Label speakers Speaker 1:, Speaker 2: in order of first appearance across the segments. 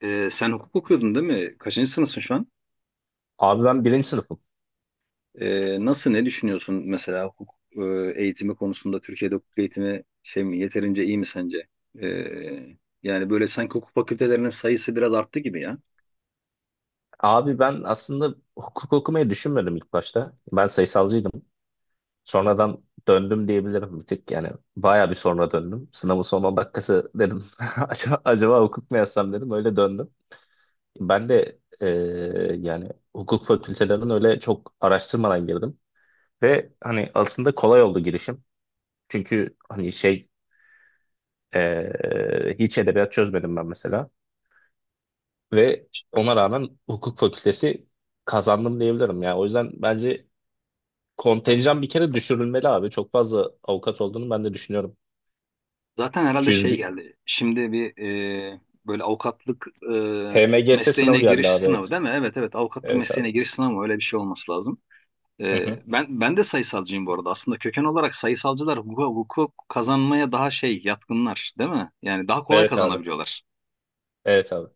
Speaker 1: Sen hukuk okuyordun, değil mi? Kaçıncı sınıfsın şu an?
Speaker 2: Abi ben birinci sınıfım.
Speaker 1: Nasıl, ne düşünüyorsun mesela hukuk eğitimi konusunda? Türkiye'de hukuk eğitimi şey mi, yeterince iyi mi sence? Ee, Yani böyle sanki hukuk fakültelerinin sayısı biraz arttı gibi ya.
Speaker 2: Abi ben aslında hukuk okumayı düşünmedim ilk başta. Ben sayısalcıydım. Sonradan döndüm diyebilirim bir tık. Yani bayağı bir sonra döndüm. Sınavın son 10 dakikası dedim. Acaba, hukuk mu yazsam dedim. Öyle döndüm. Ben de yani hukuk fakültelerinin öyle çok araştırmadan girdim. Ve hani aslında kolay oldu girişim. Çünkü hani hiç edebiyat çözmedim ben mesela. Ve ona rağmen hukuk fakültesi kazandım diyebilirim ya. O yüzden bence kontenjan bir kere düşürülmeli abi. Çok fazla avukat olduğunu ben de düşünüyorum.
Speaker 1: Zaten herhalde
Speaker 2: 200
Speaker 1: şey
Speaker 2: bir
Speaker 1: geldi. Şimdi bir e, böyle avukatlık e,
Speaker 2: HMGS sınavı
Speaker 1: mesleğine
Speaker 2: geldi
Speaker 1: giriş
Speaker 2: abi,
Speaker 1: sınavı
Speaker 2: evet.
Speaker 1: değil mi? Evet, evet, avukatlık
Speaker 2: Evet abi.
Speaker 1: mesleğine giriş sınavı öyle bir şey olması lazım.
Speaker 2: Hı
Speaker 1: Ee,
Speaker 2: hı.
Speaker 1: ben ben de sayısalcıyım bu arada. Aslında köken olarak sayısalcılar hukuka, hukuk kazanmaya daha şey yatkınlar, değil mi? Yani daha kolay
Speaker 2: Evet abi.
Speaker 1: kazanabiliyorlar.
Speaker 2: Evet abi.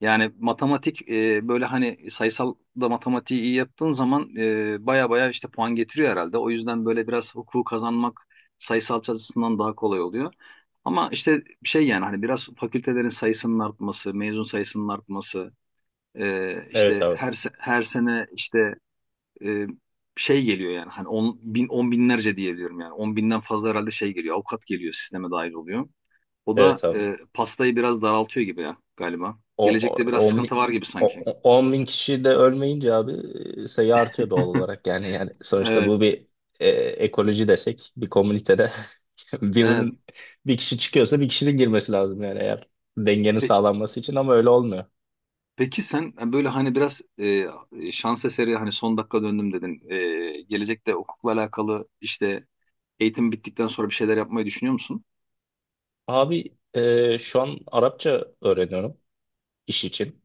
Speaker 1: Yani matematik böyle hani sayısal da matematiği iyi yaptığın zaman baya baya işte puan getiriyor herhalde. O yüzden böyle biraz hukuku kazanmak sayısal açısından daha kolay oluyor. Ama işte şey, yani hani biraz fakültelerin sayısının artması, mezun sayısının artması,
Speaker 2: Evet
Speaker 1: işte
Speaker 2: abi.
Speaker 1: her sene işte e, şey geliyor, yani hani on, bin, on binlerce diyebiliyorum yani. 10.000'den fazla herhalde şey geliyor. Avukat geliyor, sisteme dahil oluyor. O da
Speaker 2: Evet abi.
Speaker 1: pastayı biraz daraltıyor gibi ya galiba. Gelecekte biraz
Speaker 2: 10,
Speaker 1: sıkıntı var gibi sanki.
Speaker 2: 10, bin kişi de ölmeyince abi sayı artıyor doğal olarak. Yani sonuçta
Speaker 1: Evet,
Speaker 2: bu bir ekoloji desek, bir komünitede
Speaker 1: evet.
Speaker 2: birinin bir kişi çıkıyorsa bir kişinin girmesi lazım yani, eğer dengenin
Speaker 1: Pe-
Speaker 2: sağlanması için, ama öyle olmuyor.
Speaker 1: peki sen böyle hani biraz şans eseri, hani son dakika döndüm dedin. Gelecekte hukukla alakalı, işte eğitim bittikten sonra bir şeyler yapmayı düşünüyor musun?
Speaker 2: Abi şu an Arapça öğreniyorum iş için.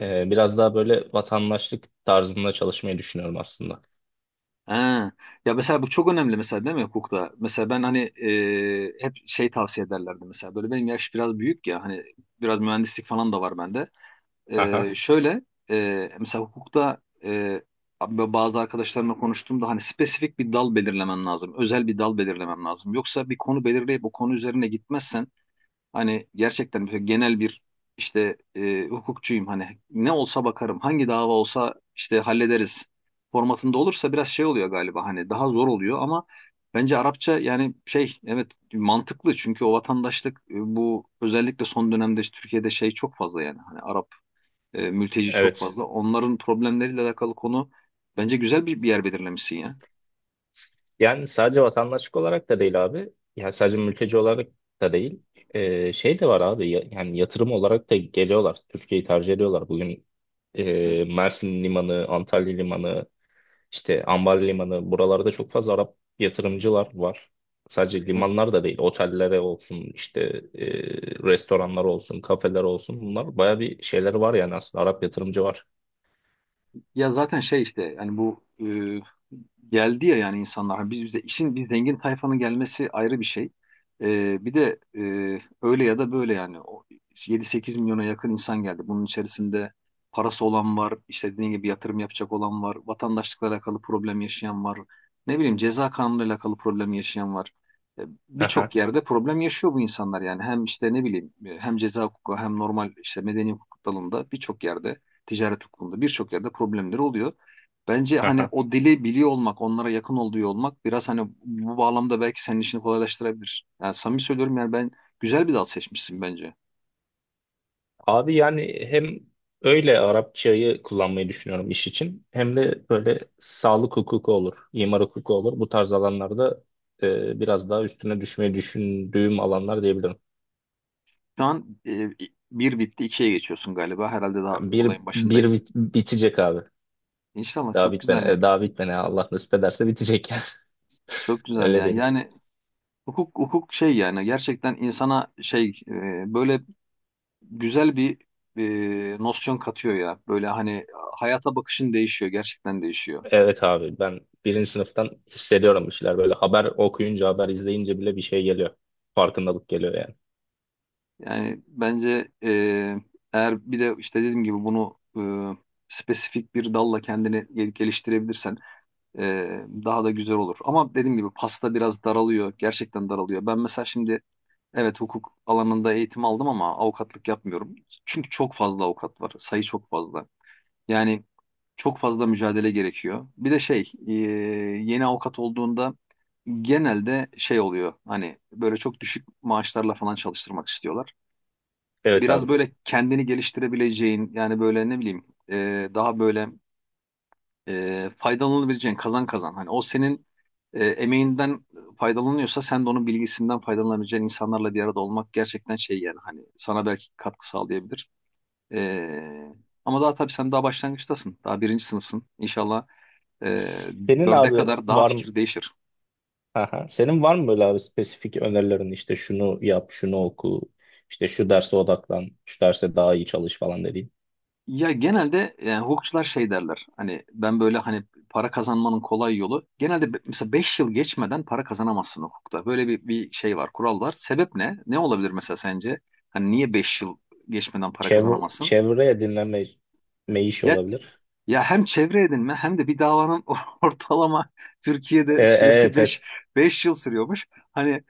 Speaker 2: E, biraz daha böyle vatandaşlık tarzında çalışmayı düşünüyorum aslında.
Speaker 1: Ha. Ya mesela bu çok önemli mesela, değil mi hukukta? Mesela ben hani hep şey tavsiye ederlerdi mesela. Böyle benim yaş biraz büyük ya, hani biraz mühendislik falan da var bende.
Speaker 2: Aha,
Speaker 1: Şöyle mesela hukukta e, abi, bazı arkadaşlarımla konuştuğumda hani spesifik bir dal belirlemen lazım. Özel bir dal belirlemen lazım. Yoksa bir konu belirleyip bu konu üzerine gitmezsen, hani gerçekten böyle genel bir işte hukukçuyum, hani ne olsa bakarım, hangi dava olsa işte hallederiz formatında olursa biraz şey oluyor galiba, hani daha zor oluyor. Ama bence Arapça, yani şey, evet, mantıklı, çünkü o vatandaşlık bu özellikle son dönemde işte Türkiye'de şey çok fazla, yani hani Arap mülteci çok
Speaker 2: evet.
Speaker 1: fazla, onların problemleriyle alakalı konu, bence güzel bir yer belirlemişsin ya.
Speaker 2: Yani sadece vatandaşlık olarak da değil abi. Yani sadece mülteci olarak da değil. Şey de var abi, yani yatırım olarak da geliyorlar. Türkiye'yi tercih ediyorlar. Bugün
Speaker 1: Evet.
Speaker 2: Mersin Limanı, Antalya Limanı, işte Ambar Limanı, buralarda çok fazla Arap yatırımcılar var. Sadece limanlar da değil. Otellere olsun, işte e, restoranlar olsun, kafeler olsun. Bunlar baya bir şeyleri var yani aslında. Arap yatırımcı var.
Speaker 1: Ya zaten şey işte, yani bu e, geldi ya, yani insanlar biz bize işin, bir zengin tayfanın gelmesi ayrı bir şey. Bir de öyle ya da böyle yani o 7-8 milyona yakın insan geldi. Bunun içerisinde parası olan var, işte dediğin gibi yatırım yapacak olan var, vatandaşlıkla alakalı problem yaşayan var. Ne bileyim, ceza kanunuyla alakalı problem yaşayan var. E,
Speaker 2: Aha,
Speaker 1: Birçok yerde problem yaşıyor bu insanlar, yani hem işte ne bileyim hem ceza hukuku, hem normal işte medeni hukuk dalında birçok yerde, ticaret hukukunda birçok yerde problemleri oluyor. Bence hani
Speaker 2: aha.
Speaker 1: o dili biliyor olmak, onlara yakın olduğu olmak biraz hani bu bağlamda belki senin işini kolaylaştırabilir. Yani samimi söylüyorum, yani ben güzel bir dal seçmişsin bence.
Speaker 2: Abi yani hem öyle Arapçayı kullanmayı düşünüyorum iş için, hem de böyle sağlık hukuku olur, imar hukuku olur. Bu tarz alanlarda biraz daha üstüne düşmeyi düşündüğüm alanlar diyebilirim.
Speaker 1: Şu an bir bitti, ikiye geçiyorsun galiba. Herhalde daha olayın başındayız.
Speaker 2: Bitecek abi.
Speaker 1: İnşallah
Speaker 2: Daha
Speaker 1: çok
Speaker 2: bitmene,
Speaker 1: güzel ya.
Speaker 2: daha bitmene Allah nasip ederse bitecek yani.
Speaker 1: Çok güzel
Speaker 2: Öyle
Speaker 1: ya.
Speaker 2: diyelim.
Speaker 1: Yani hukuk şey yani gerçekten insana şey, böyle güzel bir nosyon katıyor ya. Böyle hani hayata bakışın değişiyor, gerçekten değişiyor.
Speaker 2: Evet abi, ben birinci sınıftan hissediyorum bir şeyler, böyle haber okuyunca, haber izleyince bile bir şey geliyor. Farkındalık geliyor yani.
Speaker 1: Yani bence eğer bir de işte dediğim gibi bunu spesifik bir dalla kendini geliştirebilirsen e, daha da güzel olur. Ama dediğim gibi pasta biraz daralıyor. Gerçekten daralıyor. Ben mesela şimdi, evet, hukuk alanında eğitim aldım ama avukatlık yapmıyorum. Çünkü çok fazla avukat var. Sayı çok fazla. Yani çok fazla mücadele gerekiyor. Bir de şey, yeni avukat olduğunda genelde şey oluyor. Hani böyle çok düşük maaşlarla falan çalıştırmak istiyorlar,
Speaker 2: Evet
Speaker 1: biraz
Speaker 2: abi.
Speaker 1: böyle kendini geliştirebileceğin, yani böyle ne bileyim daha böyle faydalanabileceğin, kazan kazan. Hani o senin emeğinden faydalanıyorsa, sen de onun bilgisinden faydalanabileceğin insanlarla bir arada olmak gerçekten şey, yani hani sana belki katkı sağlayabilir. E, Ama daha tabii sen daha başlangıçtasın. Daha birinci sınıfsın. İnşallah e,
Speaker 2: Senin
Speaker 1: dörde
Speaker 2: abi
Speaker 1: kadar daha
Speaker 2: var mı?
Speaker 1: fikir değişir.
Speaker 2: Aha. Senin var mı böyle abi spesifik önerilerin, işte şunu yap, şunu oku, işte şu derse odaklan, şu derse daha iyi çalış falan dediğin.
Speaker 1: Ya genelde yani hukukçular şey derler. Hani ben böyle hani, para kazanmanın kolay yolu. Genelde mesela 5 yıl geçmeden para kazanamazsın hukukta. Böyle bir şey var, kural var. Sebep ne? Ne olabilir mesela sence? Hani niye 5 yıl geçmeden para kazanamazsın?
Speaker 2: Çevreye dinleme me iş
Speaker 1: Ya
Speaker 2: olabilir.
Speaker 1: ya hem çevre edinme, hem de bir davanın ortalama
Speaker 2: E,
Speaker 1: Türkiye'de süresi
Speaker 2: evet
Speaker 1: beş
Speaker 2: evet.
Speaker 1: beş yıl sürüyormuş. Hani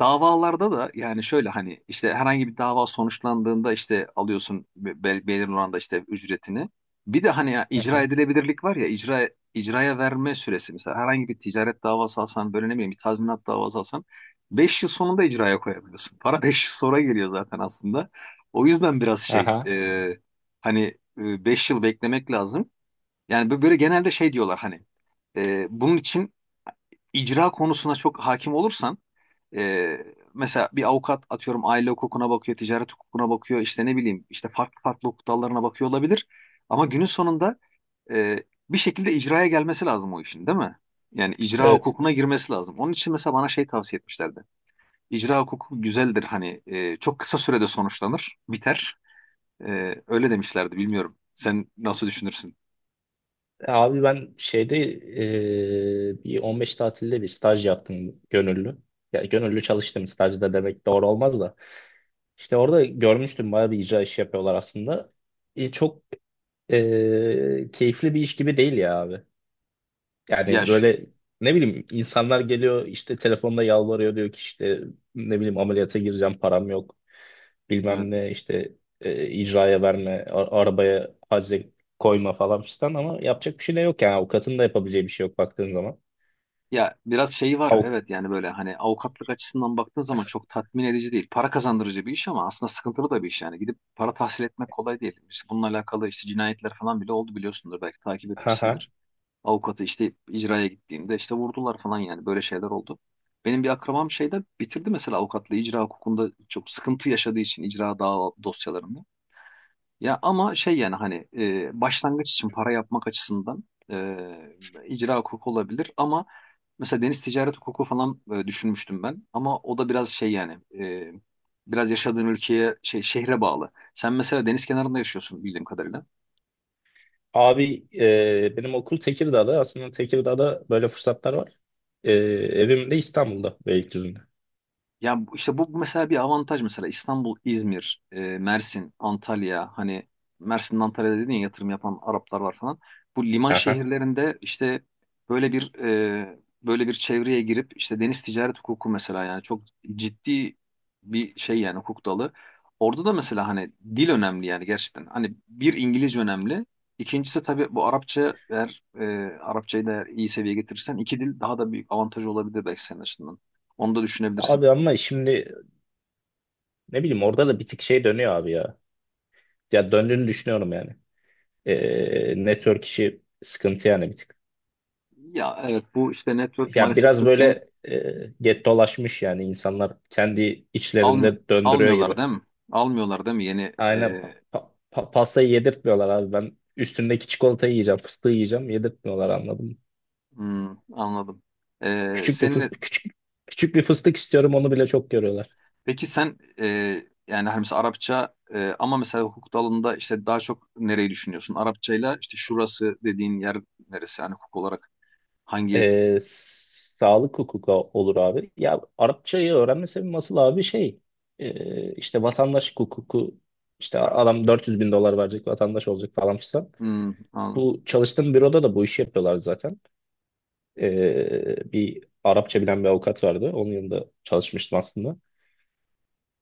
Speaker 1: davalarda da yani şöyle, hani işte herhangi bir dava sonuçlandığında işte alıyorsun belirli oranda işte ücretini. Bir de hani ya
Speaker 2: Hı
Speaker 1: icra
Speaker 2: hı.
Speaker 1: edilebilirlik var, ya icraya verme süresi, mesela herhangi bir ticaret davası alsan, böyle ne bileyim bir tazminat davası alsan 5 yıl sonunda icraya koyabiliyorsun. Para 5 yıl sonra geliyor zaten aslında. O yüzden biraz şey,
Speaker 2: Aha.
Speaker 1: hani 5 yıl beklemek lazım. Yani böyle genelde şey diyorlar, hani bunun için icra konusuna çok hakim olursan e, mesela bir avukat, atıyorum, aile hukukuna bakıyor, ticaret hukukuna bakıyor, işte ne bileyim işte farklı farklı hukuk dallarına bakıyor olabilir. Ama günün sonunda e, bir şekilde icraya gelmesi lazım o işin, değil mi? Yani icra
Speaker 2: Evet.
Speaker 1: hukukuna girmesi lazım. Onun için mesela bana şey tavsiye etmişlerdi. İcra hukuku güzeldir, hani çok kısa sürede sonuçlanır, biter. Öyle demişlerdi, bilmiyorum. Sen nasıl düşünürsün?
Speaker 2: Abi ben şeyde bir 15 tatilde bir staj yaptım gönüllü. Ya gönüllü çalıştım stajda demek doğru olmaz da. İşte orada görmüştüm, bayağı bir icra işi yapıyorlar aslında. E, çok keyifli bir iş gibi değil ya abi.
Speaker 1: Ya
Speaker 2: Yani
Speaker 1: şu,
Speaker 2: böyle ne bileyim, insanlar geliyor, işte telefonda yalvarıyor, diyor ki işte ne bileyim ameliyata gireceğim, param yok,
Speaker 1: evet.
Speaker 2: bilmem ne işte, icraya verme, arabaya hacze koyma falan fistan, ama yapacak bir şey de yok yani, avukatın da yapabileceği bir şey yok baktığın zaman.
Speaker 1: Ya biraz şeyi var,
Speaker 2: Avuk
Speaker 1: evet, yani böyle hani avukatlık açısından baktığın zaman çok tatmin edici değil. Para kazandırıcı bir iş ama aslında sıkıntılı da bir iş yani. Gidip para tahsil etmek kolay değil. İşte bununla alakalı işte cinayetler falan bile oldu, biliyorsundur, belki takip
Speaker 2: ha ha.
Speaker 1: etmişsindir. Avukatı işte icraya gittiğinde işte vurdular falan, yani böyle şeyler oldu. Benim bir akrabam şeyde bitirdi mesela avukatlığı, icra hukukunda çok sıkıntı yaşadığı için icra dava dosyalarında. Ya ama şey, yani hani başlangıç için para yapmak açısından e, icra hukuku olabilir, ama mesela deniz ticaret hukuku falan düşünmüştüm ben, ama o da biraz şey yani biraz yaşadığın ülkeye şey, şehre bağlı. Sen mesela deniz kenarında yaşıyorsun bildiğim kadarıyla.
Speaker 2: Abi benim okul Tekirdağ'da, aslında Tekirdağ'da böyle fırsatlar var. E, evim de İstanbul'da, Beylikdüzü'nde.
Speaker 1: Ya işte bu mesela bir avantaj, mesela İstanbul, İzmir, Mersin, Antalya, hani Mersin'den Antalya'da dedin ya, yatırım yapan Araplar var falan. Bu liman
Speaker 2: Ha ha.
Speaker 1: şehirlerinde işte böyle bir böyle bir çevreye girip işte deniz ticaret hukuku mesela, yani çok ciddi bir şey yani, hukuk dalı. Orada da mesela hani dil önemli, yani gerçekten. Hani bir, İngilizce önemli. İkincisi tabii bu Arapça, eğer Arapçayı da eğer iyi seviyeye getirirsen, iki dil daha da büyük avantaj olabilir belki senin açısından. Onu da düşünebilirsin.
Speaker 2: Abi ama şimdi, ne bileyim orada da bir tık şey dönüyor abi ya. Ya döndüğünü düşünüyorum yani. Network işi sıkıntı yani bir tık.
Speaker 1: Ya evet, bu işte network,
Speaker 2: Ya
Speaker 1: maalesef
Speaker 2: biraz
Speaker 1: Türkiye'nin
Speaker 2: böyle get dolaşmış yani, insanlar kendi
Speaker 1: almıyor
Speaker 2: içlerinde döndürüyor
Speaker 1: almıyorlar
Speaker 2: gibi.
Speaker 1: değil mi? Almıyorlar değil mi? Yeni
Speaker 2: Aynen, pastayı yedirtmiyorlar abi. Ben üstündeki çikolatayı yiyeceğim, fıstığı yiyeceğim, yedirtmiyorlar, anladım.
Speaker 1: hmm, anladım. E,
Speaker 2: Küçük bir
Speaker 1: senin
Speaker 2: fıstık, küçük bir fıstık istiyorum, onu bile çok görüyorlar.
Speaker 1: peki sen yani hani mesela Arapça, ama mesela hukuk dalında işte daha çok nereyi düşünüyorsun? Arapçayla işte şurası dediğin yer neresi? Yani hukuk olarak hangi.
Speaker 2: Sağlık hukuku olur abi. Ya Arapçayı öğrenme sebebi nasıl abi, işte vatandaş hukuku, işte adam 400 bin dolar verecek, vatandaş olacak falan filan.
Speaker 1: Hmm, anladım.
Speaker 2: Bu çalıştığım büroda da bu işi yapıyorlar zaten. Bir Arapça bilen bir avukat vardı. Onun yanında çalışmıştım aslında.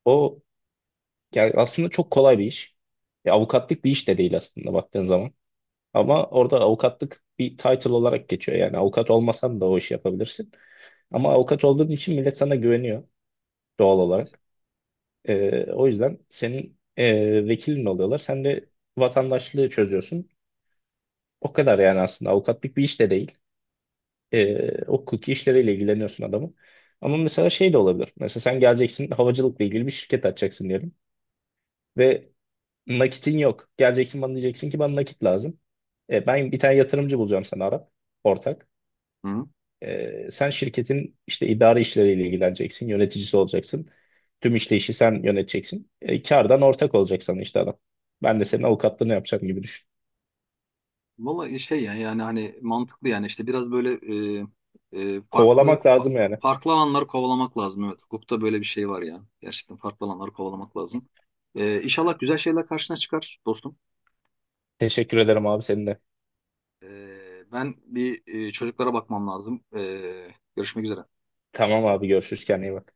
Speaker 2: O, yani aslında çok kolay bir iş. Ya avukatlık bir iş de değil aslında baktığın zaman. Ama orada avukatlık bir title olarak geçiyor. Yani avukat olmasan da o işi yapabilirsin. Ama avukat olduğun için millet sana güveniyor doğal
Speaker 1: Evet.
Speaker 2: olarak. O yüzden senin vekilin oluyorlar. Sen de vatandaşlığı çözüyorsun. O kadar, yani aslında avukatlık bir iş de değil. Hukuki işleriyle ilgileniyorsun adamın. Ama mesela şey de olabilir. Mesela sen geleceksin, havacılıkla ilgili bir şirket açacaksın diyelim. Ve nakitin yok. Geleceksin bana, diyeceksin ki bana nakit lazım. Ben bir tane yatırımcı bulacağım sana, Arap ortak. Sen şirketin işte idari işleriyle ilgileneceksin, yöneticisi olacaksın. Tüm işleyişi sen yöneteceksin. Kardan ortak olacak sana işte adam. Ben de senin avukatlığını yapacağım gibi düşün.
Speaker 1: Valla şey yani, yani hani mantıklı, yani işte biraz böyle e, e, farklı
Speaker 2: Kovalamak
Speaker 1: fa-
Speaker 2: lazım yani.
Speaker 1: farklı alanları kovalamak lazım. Evet, hukukta böyle bir şey var ya. Gerçekten farklı alanları kovalamak lazım. İnşallah güzel şeyler karşına çıkar, dostum.
Speaker 2: Teşekkür ederim abi seninle.
Speaker 1: E, Ben bir çocuklara bakmam lazım. Görüşmek üzere.
Speaker 2: Tamam abi, görüşürüz, kendine iyi bak.